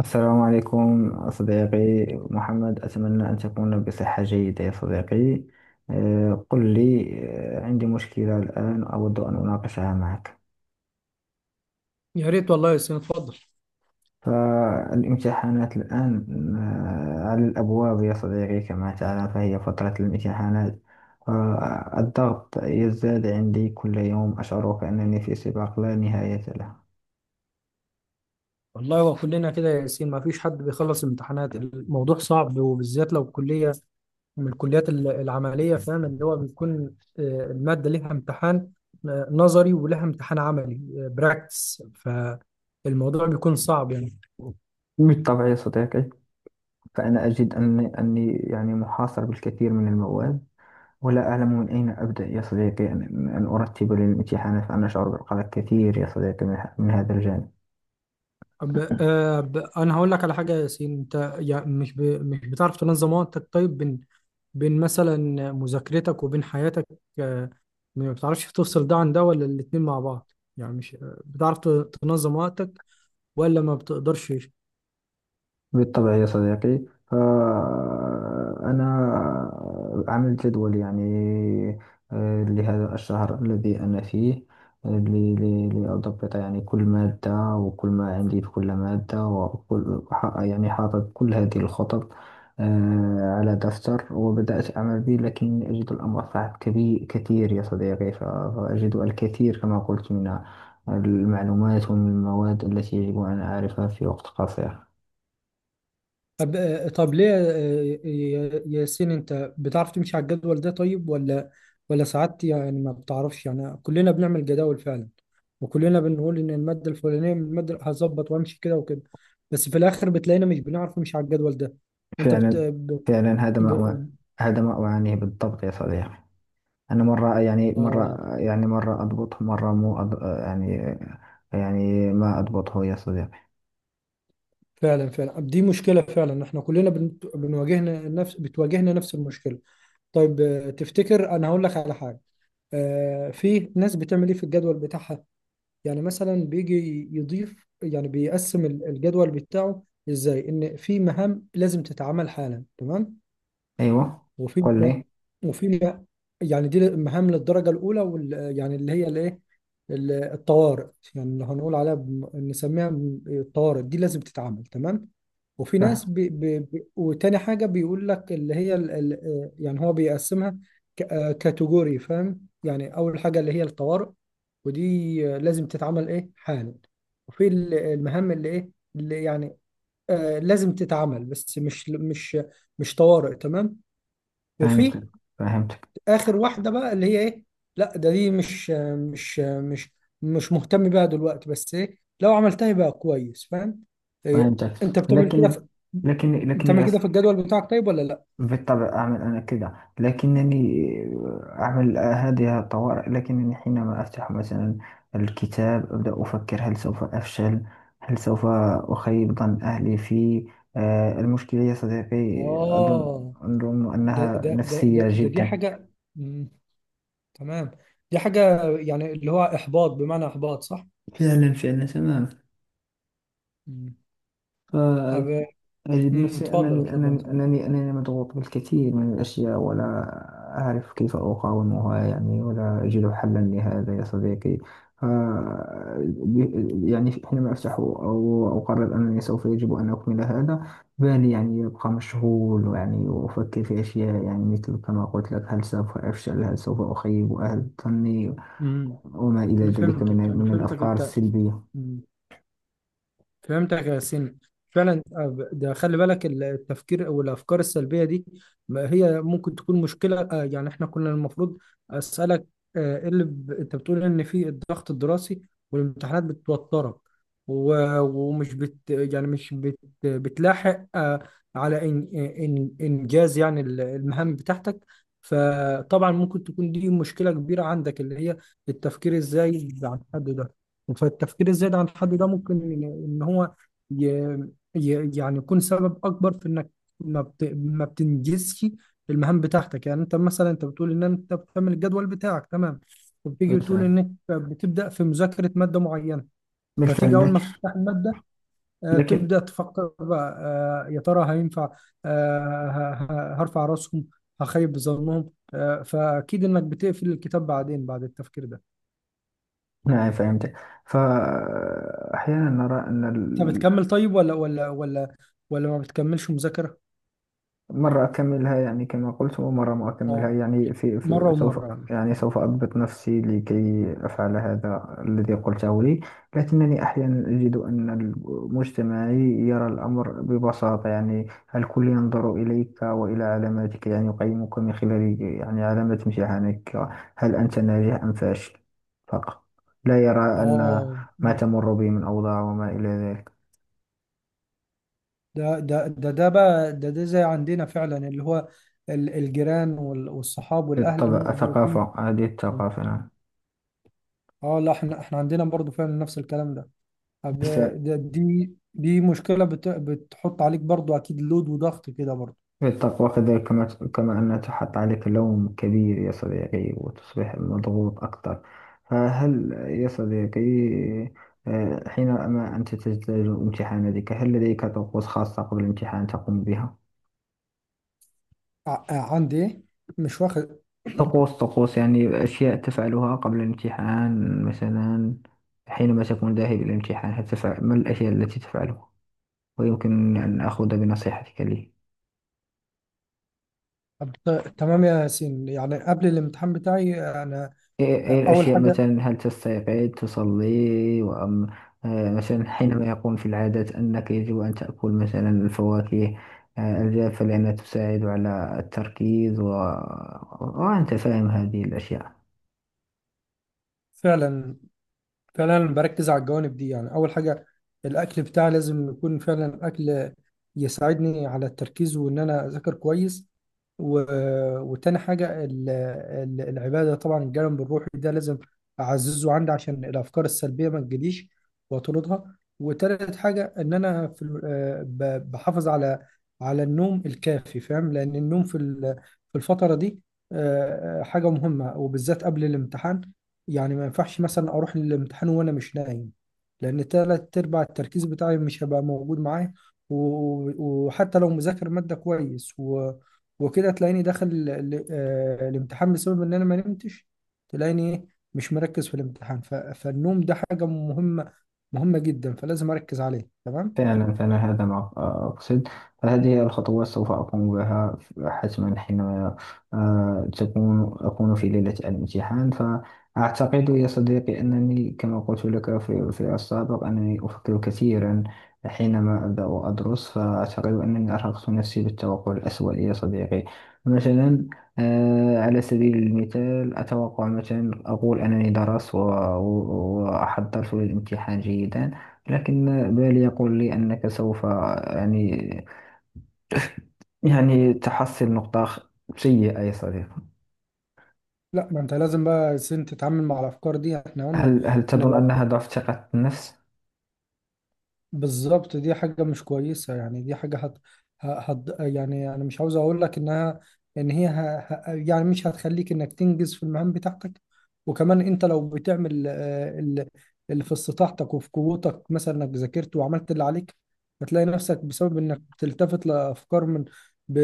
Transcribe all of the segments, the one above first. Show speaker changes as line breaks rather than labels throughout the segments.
السلام عليكم صديقي محمد، أتمنى أن تكون بصحة جيدة يا صديقي. قل لي. عندي مشكلة الآن أود أن أناقشها معك.
يا ريت والله يا ياسين، اتفضل.
فالامتحانات الآن على الأبواب يا صديقي، كما تعلم فهي فترة الامتحانات، فالضغط يزداد عندي كل يوم، أشعر كأنني في سباق لا نهاية له.
والله هو كلنا كده يا ياسين، ما فيش حد بيخلص الامتحانات. الموضوع صعب، وبالذات لو كلية من الكليات العملية. فاهم اللي هو بيكون، المادة ليها امتحان نظري، ولها امتحان عملي براكتس. فالموضوع بيكون صعب يعني.
بالطبع يا صديقي، فأنا أجد أني يعني محاصر بالكثير من المواد، ولا أعلم من أين أبدأ يا صديقي أن أرتب للامتحانات، فأنا أشعر بالقلق كثير يا صديقي من هذا الجانب.
أب أب أنا هقول لك على حاجة يا ياسين. أنت يعني مش بتعرف تنظم وقتك؟ طيب، بين مثلا مذاكرتك وبين حياتك، آه، ما بتعرفش تفصل ده عن ده، ولا الاتنين مع بعض؟ يعني مش بتعرف تنظم وقتك، ولا ما بتقدرش؟
بالطبع يا صديقي، فأنا عملت جدول يعني لهذا الشهر الذي أنا فيه، لأضبط يعني كل مادة وكل ما عندي في كل مادة، يعني حاطط كل هذه الخطط على دفتر، وبدأت أعمل به، لكن أجد الأمر صعب كبير كثير يا صديقي. فأجد الكثير كما قلت من المعلومات ومن المواد التي يجب أن أعرفها في وقت قصير.
طب طب ليه ياسين، انت بتعرف تمشي على الجدول ده طيب، ولا ساعات يعني ما بتعرفش؟ يعني كلنا بنعمل جداول فعلا، وكلنا بنقول ان المادة الفلانية من المادة هظبط وامشي كده وكده، بس في الاخر بتلاقينا مش بنعرف نمشي على الجدول ده. انت بت...
فعلا
ب...
فعلا.
ب...
هذا ما أعانيه بالضبط يا صديقي. أنا
اه،
مرة أضبطه، مرة مو أض... يعني يعني ما أضبطه يا صديقي.
فعلا فعلا دي مشكلة، فعلا احنا كلنا بنواجهنا نفس بتواجهنا نفس المشكلة. طيب تفتكر انا هقول لك على حاجة. في ناس بتعمل ايه في الجدول بتاعها؟ يعني مثلا بيجي يضيف، يعني بيقسم الجدول بتاعه ازاي، ان في مهام لازم تتعمل حالا، تمام.
أيوة، قل
وفيما
لي.
وفيما يعني دي مهام للدرجة الأولى، يعني اللي هي الإيه، الطوارئ. يعني اللي هنقول عليها نسميها الطوارئ. دي لازم تتعمل، تمام. وفي ناس
فه-
وتاني حاجة بيقول لك اللي هي ال يعني هو بيقسمها كاتيجوري، فاهم؟ يعني أول حاجة اللي هي الطوارئ، ودي لازم تتعمل إيه حالا. وفي المهام اللي إيه، اللي يعني لازم تتعمل بس مش طوارئ، تمام. وفي
فهمتك فهمتك
اخر واحده بقى اللي هي ايه، لا ده دي مش مش مش مهتم بيها دلوقتي، بس ايه، لو عملتها يبقى كويس، فاهم؟ إيه.
فهمتك.
انت بتعمل كده في
لكن، لكن
بتعمل
يا،
كده في الجدول بتاعك طيب، ولا لا؟
بالطبع أعمل أنا كذا، لكنني أعمل هذه الطوارئ، لكنني حينما أفتح مثلا الكتاب أبدأ أفكر، هل سوف أفشل؟ هل سوف أخيب ظن أهلي فيه؟ المشكلة يا صديقي، أظن
اه،
أظن
ده
أنها
ده ده
نفسية
ده, ده دي
جدا.
حاجه. مم. تمام، دي حاجه يعني اللي هو احباط بمعنى احباط، صح.
فعلا فعلا تماما.
مم.
ف-
أب...
أجد
مم.
نفسي
اتفضل
أنني
اتفضل يا
أنني
سعد.
أنني أنني مضغوط بالكثير من الأشياء، ولا أعرف كيف أقاومها يعني، ولا أجد حلا لهذا يا صديقي. ف- يعني حينما أفتح أو أقرر أنني سوف يجب أن أكمل هذا، بالي يعني يبقى مشغول يعني، وأفكر في أشياء يعني، مثل كما قلت لك، هل سوف أفشل؟ هل سوف أخيب أهل ظني؟
مم.
وما إلى ذلك من
انا
من
فهمتك
الأفكار
انت.
السلبية.
مم. فهمتك يا سين. فعلا. ده خلي بالك التفكير او الافكار السلبيه دي، ما هي ممكن تكون مشكله. يعني احنا كنا المفروض اسالك إيه اللي انت بتقول ان في الضغط الدراسي والامتحانات بتوترك، و... ومش بت يعني مش بت... بتلاحق على انجاز يعني المهام بتاعتك. فطبعا ممكن تكون دي مشكله كبيره عندك، اللي هي التفكير ازاي عن حد ده. فالتفكير الزائد عن الحد ده ممكن إن هو ي... يعني يكون سبب اكبر في انك ما بتنجزش المهام بتاعتك. يعني انت مثلا انت بتقول ان انت بتعمل الجدول بتاعك، تمام. وبتيجي بتقول
بالفعل،
انك بتبدا في مذاكره ماده معينه، فتيجي
بالفعل،
اول ما
لكن
تفتح الماده
لكن.
تبدا تفكر بقى يا ترى هينفع، آه، ه- هرفع راسهم؟ هخيب ظنهم؟ فاكيد انك بتقفل الكتاب بعدين بعد التفكير ده.
نعم، فهمت. فأحيانا نرى أن
انت بتكمل طيب، ولا ما بتكملش مذاكرة؟
مرة أكملها يعني كما قلت، ومرة ما أكملها
اه،
يعني، في,
مرة
في سوف،
ومرة يعني.
يعني سوف أضبط نفسي لكي أفعل هذا الذي قلته لي. لكنني أحيانا أجد أن مجتمعي يرى الأمر ببساطة يعني، الكل ينظر إليك وإلى علاماتك يعني، يقيمك من خلال يعني علامات امتحانك، هل أنت ناجح أم فاشل فقط. لا يرى أن
اه،
ما تمر به من أوضاع وما إلى ذلك.
ده ده ده ده بقى ده ده زي عندنا فعلا، اللي هو الجيران والصحاب والاهل
بالطبع
بيكونوا.
الثقافة، هذه الثقافة، نعم.
اه لا، احنا عندنا برضو فعلا نفس الكلام ده. طب،
بس
ده دي دي مشكلة بتحط عليك برضو، اكيد لود وضغط كده برضو.
التقوى كذلك، كما أن تحط عليك لوم كبير يا صديقي، وتصبح مضغوط أكثر. فهل يا صديقي، حينما أنت تجتاز امتحاناتك، هل لديك طقوس خاصة قبل الامتحان تقوم بها؟
ع- عندي ايه؟ مش واخد.
طقوس، طقوس يعني أشياء تفعلها قبل الامتحان، مثلا حينما تكون ذاهب إلى الامتحان، هل تفعل ما الأشياء التي تفعلها؟ ويمكن أن أخذ بنصيحتك لي.
طب تمام يا ياسين. يعني قبل الامتحان بتاعي، انا
إيه إيه
اول
الأشياء
حاجة،
مثلا؟ هل تستيقظ تصلي وأم، مثلا، حينما يقوم في العادات أنك يجب أن تأكل مثلا الفواكه الجافة لأنها تساعد على التركيز وأنت فاهم هذه الأشياء.
فعلا فعلا بركز على الجوانب دي. يعني اول حاجه الاكل بتاعي، لازم يكون فعلا اكل يساعدني على التركيز، وان انا اذاكر كويس. و... وتاني حاجه العباده، طبعا الجانب الروحي ده لازم اعززه عندي عشان الافكار السلبيه ما تجيليش واطردها. وتالت حاجه ان انا في بحافظ على النوم الكافي. فاهم، لان النوم في الفتره دي حاجه مهمه، وبالذات قبل الامتحان. يعني ما ينفعش مثلا اروح للامتحان وانا مش نايم، لان تلات ارباع التركيز بتاعي مش هيبقى موجود معايا. و- وحتى لو مذاكر مادة كويس وكده، تلاقيني داخل الامتحان بسبب ان انا ما نمتش، تلاقيني إيه؟ مش مركز في الامتحان. فالنوم ده حاجة مهمة مهمة جدا، فلازم اركز عليه، تمام.
فعلا فعلا، هذا ما أقصد. فهذه هي الخطوات سوف أقوم بها حتما، حينما آه، تكون أكون في ليلة الامتحان. فأعتقد يا صديقي أنني كما قلت لك في السابق، أنني أفكر كثيرا حينما أبدأ أدرس، فأعتقد أنني أرهقت نفسي بالتوقع الأسوأ يا صديقي. مثلا، على سبيل المثال، أتوقع مثلا، أقول أنني درست وأحضرت للامتحان جيدا، لكن بالي يقول لي أنك سوف يعني، تحصل سيئة يا صديقي.
لا، ما انت لازم بقى سن تتعامل مع الافكار دي، احنا قلنا
هل
ان
تظن أنها
الافكار
ضعف ثقة النفس؟
بالظبط دي حاجة مش كويسة، يعني دي حاجة يعني أنا مش عاوز أقول لك إنها، إن هي يعني مش هتخليك إنك تنجز في المهام بتاعتك. وكمان أنت لو بتعمل اللي في استطاعتك وفي قوتك، مثلا إنك ذاكرت وعملت اللي عليك، هتلاقي نفسك بسبب إنك بتلتفت لأفكار من ب...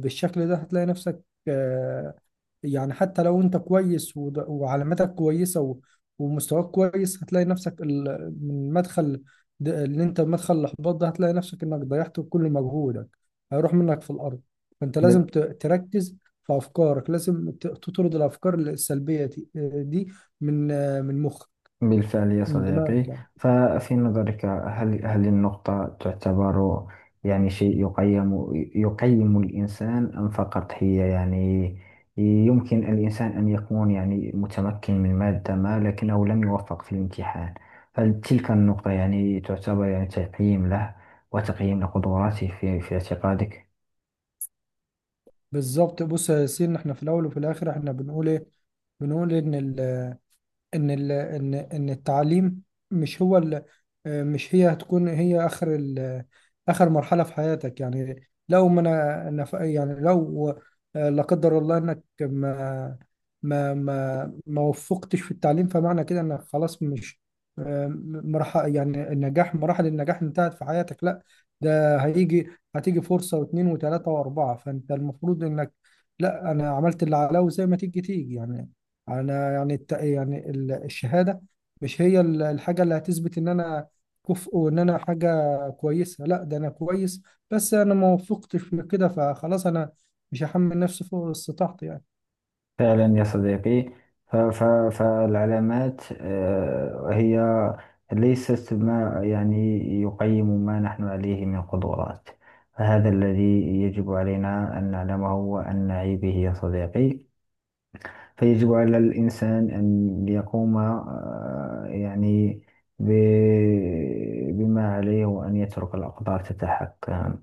بالشكل ده، هتلاقي نفسك، آه، يعني حتى لو انت كويس وعلاماتك كويسة ومستواك كويس، هتلاقي نفسك من مدخل اللي انت مدخل الاحباط ده، هتلاقي نفسك انك ضيعت كل مجهودك، هيروح منك في الارض. فانت لازم تركز في افكارك، لازم تطرد الافكار السلبية دي دي من من مخك،
بالفعل يا
من دماغك
صديقي.
يعني.
ففي نظرك، هل النقطة تعتبر يعني شيء يقيم، الإنسان؟ أم فقط هي يعني يمكن الإنسان أن يكون يعني متمكن من مادة ما لكنه لم يوفق في الامتحان؟ هل تلك النقطة يعني تعتبر يعني تقييم له وتقييم لقدراته في اعتقادك؟
بالظبط. بص يا ياسين، احنا في الاول وفي الاخر احنا بنقول ايه، بنقول ان التعليم مش هو ال مش هي هتكون هي اخر مرحله في حياتك. يعني لو ما انا أنا يعني لو لا قدر الله انك ما وفقتش في التعليم، فمعنى كده انك خلاص مش مراحل يعني النجاح مراحل النجاح انتهت في حياتك؟ لا. ده هيجي، هتيجي فرصه واثنين وثلاثه واربعه. فانت المفروض انك، لا انا عملت اللي عليا، وزي ما تيجي تيجي يعني. انا يعني يعني الشهاده مش هي الحاجه اللي هتثبت ان انا كفء وان انا حاجه كويسه. لا، ده انا كويس، بس انا ما وفقتش في كده، فخلاص انا مش هحمل نفسي فوق استطاعتي يعني.
فعلا يا صديقي، ف- ف- فالعلامات هي ليست ما يعني يقيم ما نحن عليه من قدرات. فهذا الذي يجب علينا أن نعلمه وأن نعي به يا صديقي. فيجب على الإنسان أن يقوم يعني بما عليه وأن يترك الأقدار تتحكم.